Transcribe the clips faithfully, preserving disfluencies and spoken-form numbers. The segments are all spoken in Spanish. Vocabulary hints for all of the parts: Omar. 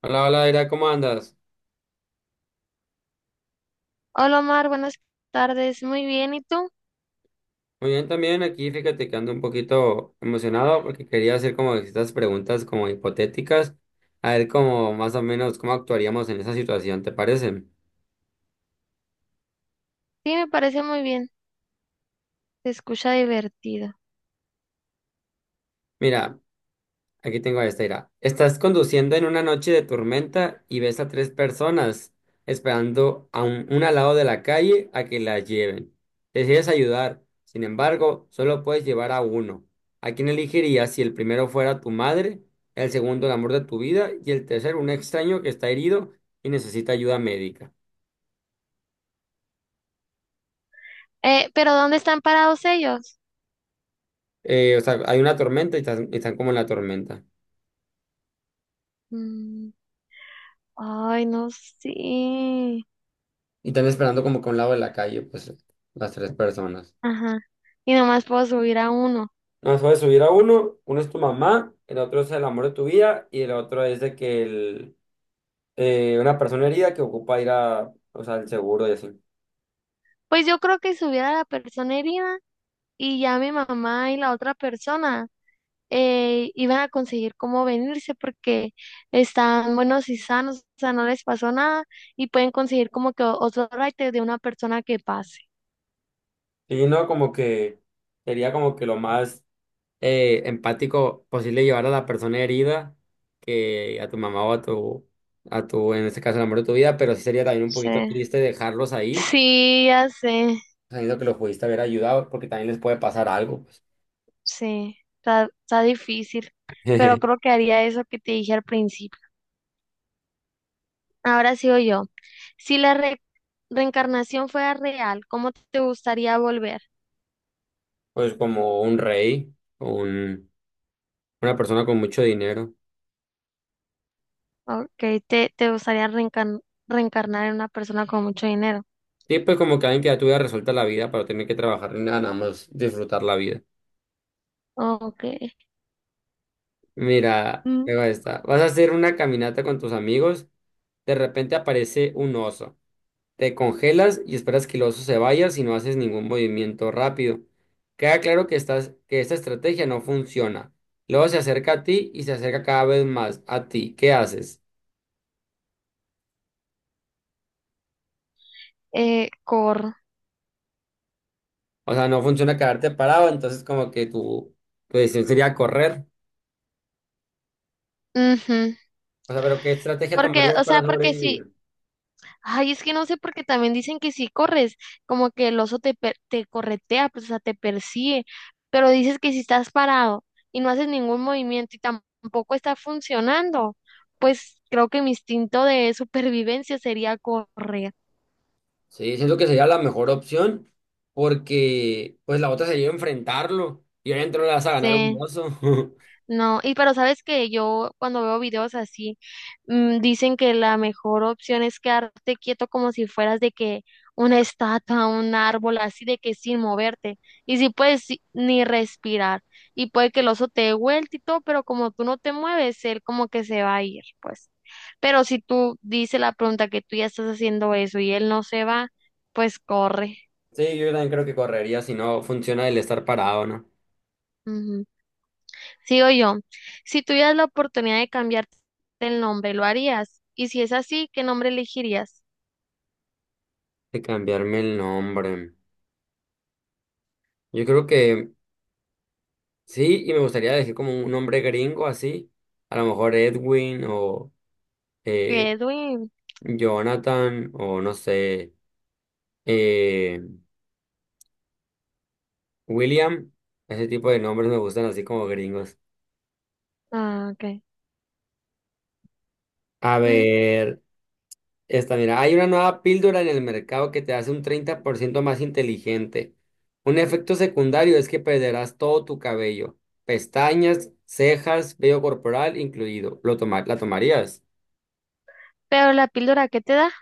Hola, hola, Ira, ¿cómo andas? Hola Omar, buenas tardes. Muy bien, ¿y tú? Muy bien también, aquí fíjate que ando un poquito emocionado porque quería hacer como estas preguntas como hipotéticas, a ver cómo más o menos cómo actuaríamos en esa situación, ¿te parece? Sí, me parece muy bien. Se escucha divertido. Mira, Aquí tengo esta, mira. Estás conduciendo en una noche de tormenta y ves a tres personas esperando a un- una al lado de la calle a que las lleven. Decides ayudar, sin embargo, solo puedes llevar a uno. ¿A quién elegirías si el primero fuera tu madre, el segundo el amor de tu vida y el tercero un extraño que está herido y necesita ayuda médica? Eh, pero ¿dónde están parados ellos? Eh, o sea, hay una tormenta y están, están como en la tormenta. Mm, ay, no sé. Y están esperando como que a un lado de la calle, pues las tres personas. Ajá. Y nomás puedo subir a uno. Nos puedes subir a uno, uno es tu mamá, el otro es el amor de tu vida y el otro es de que el, eh, una persona herida que ocupa ir a, o sea, el seguro y así. Pues yo creo que subir a la persona herida y ya mi mamá y la otra persona eh, iban a conseguir cómo venirse porque están buenos y sanos, o sea, no les pasó nada y pueden conseguir como que o- otro raite de una persona que pase. Y no, como que sería como que lo más eh, empático posible llevar a la persona herida que a tu mamá o a tu, a tu, en este caso, el amor de tu vida, pero sí sería también un poquito Sí. triste dejarlos ahí, Sí, ya sé, sabiendo que los pudiste haber ayudado porque también les puede pasar algo, pues. sí, está, está difícil, pero creo que haría eso que te dije al principio. Ahora sigo yo. Si la re- reencarnación fuera real, ¿cómo te gustaría volver? Pues como un rey, o un, una persona con mucho dinero. Ok, te, te gustaría reencarn- reencarnar en una persona con mucho dinero. Sí, pues como que alguien que ya tuviera resuelta la vida para no tener que trabajar ni nada, nada más disfrutar la vida. Ok. Mira, Mm. luego está. Vas a hacer una caminata con tus amigos, de repente aparece un oso. Te congelas y esperas que el oso se vaya si no haces ningún movimiento rápido. Queda claro que estás, que esta estrategia no funciona. Luego se acerca a ti y se acerca cada vez más a ti. ¿Qué haces? Eh, cor. O sea, no funciona quedarte parado, entonces como que tu, tu decisión sería correr. Ujú. O sea, pero ¿qué estrategia Porque, tomarías o para sea, porque si, sobrevivir? Ay, es que no sé porque también dicen que si corres, como que el oso te, per- te corretea, pues, o sea, te persigue, pero dices que si estás parado y no haces ningún movimiento y tam- tampoco está funcionando, pues creo que mi instinto de supervivencia sería correr. Sí, siento que sería la mejor opción porque pues la otra sería enfrentarlo y obviamente no le vas a ganar un Sí. oso. No, y pero sabes que yo cuando veo videos así, mm, dicen que la mejor opción es quedarte quieto como si fueras de que una estatua, un árbol, así de que sin moverte. Y si puedes si- ni respirar. Y puede que el oso te dé vuelta y todo, pero como tú no te mueves, él como que se va a ir, pues. Pero si tú dices la pregunta que tú ya estás haciendo eso y él no se va, pues corre. Sí, yo también creo que correría si no funciona el estar parado, ¿no? Sigo yo. Si tuvieras la oportunidad de cambiarte el nombre, ¿lo harías? Y si es así, ¿qué nombre elegirías? De cambiarme el nombre. Yo creo que sí, y me gustaría decir como un nombre gringo así, a lo mejor Edwin o eh, Edwin. Jonathan o no sé, eh, William, ese tipo de nombres me gustan así como gringos. Ah, ok. A Mm, ver. Esta, mira, hay una nueva píldora en el mercado que te hace un treinta por ciento más inteligente. Un efecto secundario es que perderás todo tu cabello, pestañas, cejas, vello corporal incluido. ¿Lo toma- la tomarías? Pero la píldora, ¿qué te da?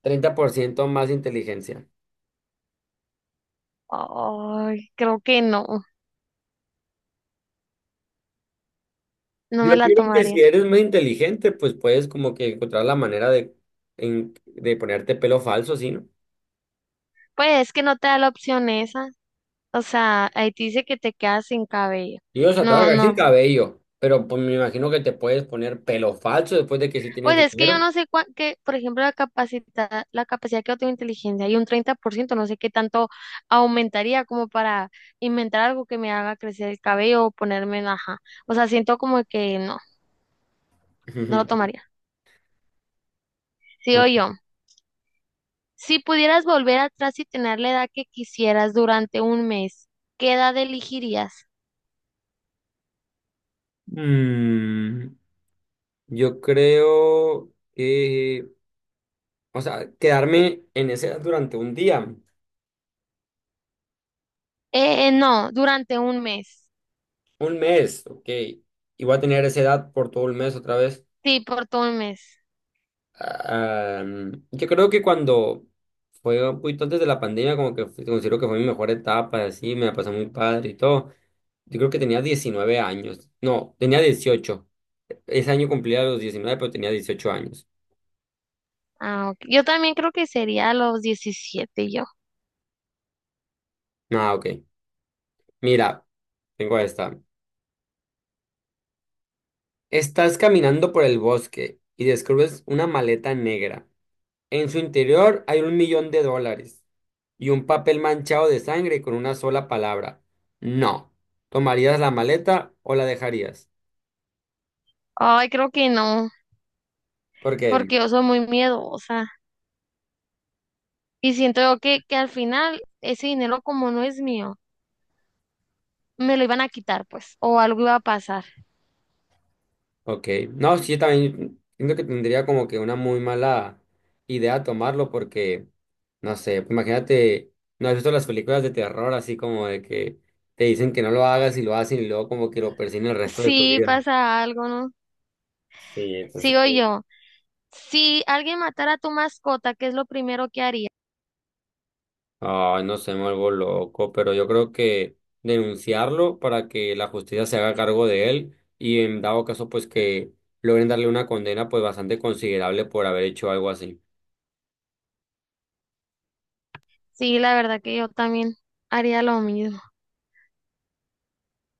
treinta por ciento más inteligencia. Ay, creo que no. No Yo me la creo que si tomaría. eres más inteligente, pues puedes como que encontrar la manera de, en- de ponerte pelo falso, ¿sí, no? Pues es que no te da la opción esa. O sea, ahí te dice que te quedas sin cabello. Yo, o sea, te vas a No, quedar sin no. cabello, pero pues me imagino que te puedes poner pelo falso después de que si tienes Pues es que yo dinero. no sé cuán, que, por ejemplo, la capacidad, la capacidad que yo tengo de inteligencia y un treinta por ciento no sé qué tanto aumentaría como para inventar algo que me haga crecer el cabello o ponerme en ajá. O sea, siento como que no, no lo tomaría. Sigo yo. Si pudieras volver atrás y tener la edad que quisieras durante un mes, ¿qué edad elegirías? Mm, yo creo que, o sea, quedarme en esa edad durante un día, Eh, eh, no, durante un mes. un mes, ok. Y voy a tener esa edad por todo el mes otra vez. Sí, por todo un mes. Ah, mm, yo creo que cuando fue un poquito antes de la pandemia, como que fue- considero que fue mi mejor etapa, así, me la pasé muy padre y todo. Yo creo que tenía diecinueve años, no, tenía dieciocho. Ese año cumplía los diecinueve, pero tenía dieciocho años. Ah, ok. Yo también creo que sería a los diecisiete yo. Ah, ok. Mira, tengo esta. Estás caminando por el bosque y descubres una maleta negra. En su interior hay un millón de dólares y un papel manchado de sangre con una sola palabra. No. ¿Tomarías la maleta o la dejarías? Ay, creo que no. Porque, Porque yo soy muy miedosa y siento yo que, que al final ese dinero como no es mío, me lo iban a quitar pues, o algo iba a pasar. ok. No, sí, también siento que tendría como que una muy mala idea tomarlo porque, no sé, pues imagínate, ¿no has visto las películas de terror así como de que te dicen que no lo hagas y lo hacen y luego como que lo persiguen el resto de tu Sí, vida? pasa algo, ¿no? Sí, entonces. Sigo yo. Si alguien matara a tu mascota, ¿qué es lo primero que haría? Ay, no sé, me vuelvo loco, pero yo creo que denunciarlo para que la justicia se haga cargo de él y en dado caso pues que logren darle una condena pues bastante considerable por haber hecho algo así. Sí, la verdad que yo también haría lo mismo.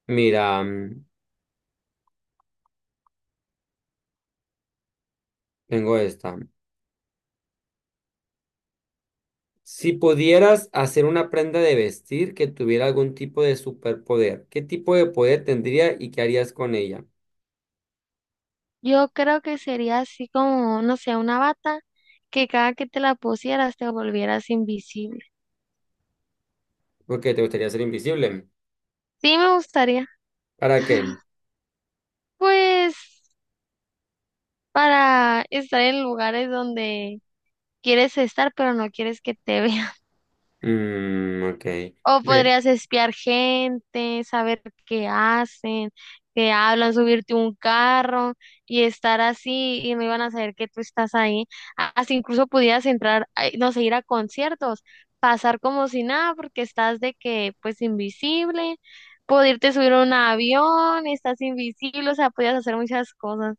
Mira, mm, tengo esta. Si pudieras hacer una prenda de vestir que tuviera algún tipo de superpoder, ¿qué tipo de poder tendría y qué harías con ella? Yo creo que sería así como, no sé, una bata que cada que te la pusieras te volvieras invisible. Porque te gustaría ser invisible. Sí, me gustaría. ¿Para qué? Pues para estar en lugares donde quieres estar, pero no quieres que te vean. Mm, ok. O Ve- podrías espiar gente, saber qué hacen, qué hablan, subirte a un carro y estar así y no iban a saber que tú estás ahí. Así incluso podías entrar, ay, no sé, ir a conciertos, pasar como si nada porque estás de que pues invisible, poderte subir a un avión, estás invisible, o sea, podías hacer muchas cosas.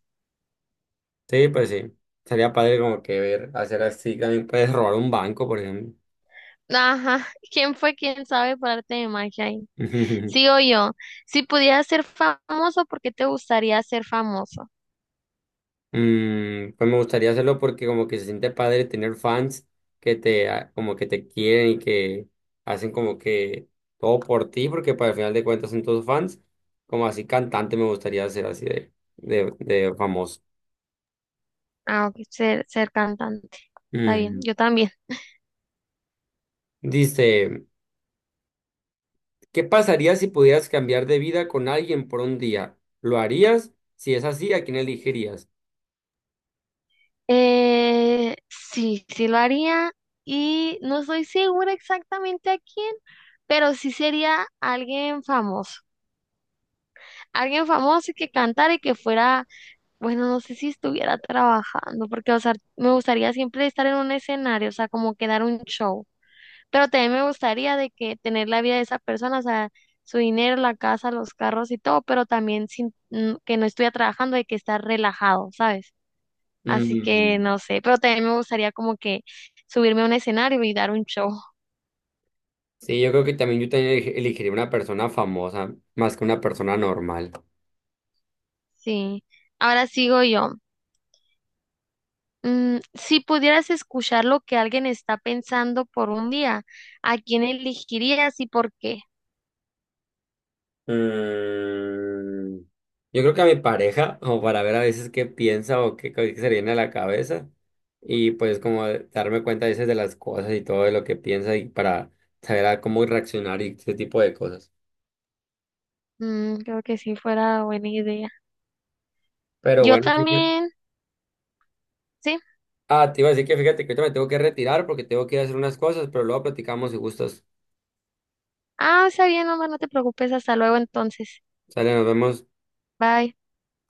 Sí, pues sí. Sería padre como que ver, hacer así. También puedes robar un banco, por ejemplo. Ajá, ¿quién fue? ¿Quién sabe por arte de magia ahí? Sí o yo, si pudieras ser famoso, ¿por qué te gustaría ser famoso? Mm, pues me gustaría hacerlo porque como que se siente padre tener fans que te, ah, como que te quieren y que hacen como que todo por ti, porque para el final de cuentas son todos fans. Como así cantante me gustaría ser así de, de, de famoso. Ah, ok, ser, ser cantante. Está bien, Mm. yo también. Dice, ¿qué pasaría si pudieras cambiar de vida con alguien por un día? ¿Lo harías? Si es así, ¿a quién elegirías? Eh, sí, sí lo haría y no estoy segura exactamente a quién, pero sí sería alguien famoso. Alguien famoso que cantara y que fuera, bueno, no sé si estuviera trabajando, porque, o sea, me gustaría siempre estar en un escenario, o sea, como que dar un show. Pero también me gustaría de que tener la vida de esa persona, o sea, su dinero, la casa, los carros y todo, pero también sin mm, que no estuviera trabajando, de que estar relajado, ¿sabes? Así que Mm. no sé, pero también me gustaría como que subirme a un escenario y dar un show. Sí, yo creo que también yo también eleg- elegiría una persona famosa más que una persona normal. Sí. Ahora sigo yo. Mm, si pudieras escuchar lo que alguien está pensando por un día, ¿a quién elegirías y por qué? Mm, yo creo que a mi pareja, como para ver a veces qué piensa o qué, co- qué se le viene a la cabeza, y pues como de- darme cuenta a veces de las cosas y todo de lo que piensa y para saber a cómo reaccionar y ese tipo de cosas. Mm, creo que sí fuera buena idea. Pero Yo bueno, fíjate- también, sí. ah, te iba a decir que fíjate que ahorita me tengo que retirar porque tengo que ir a hacer unas cosas, pero luego platicamos si gustas. Ah, está bien, Omar, no te preocupes. Hasta luego entonces. Sale, nos vemos. Bye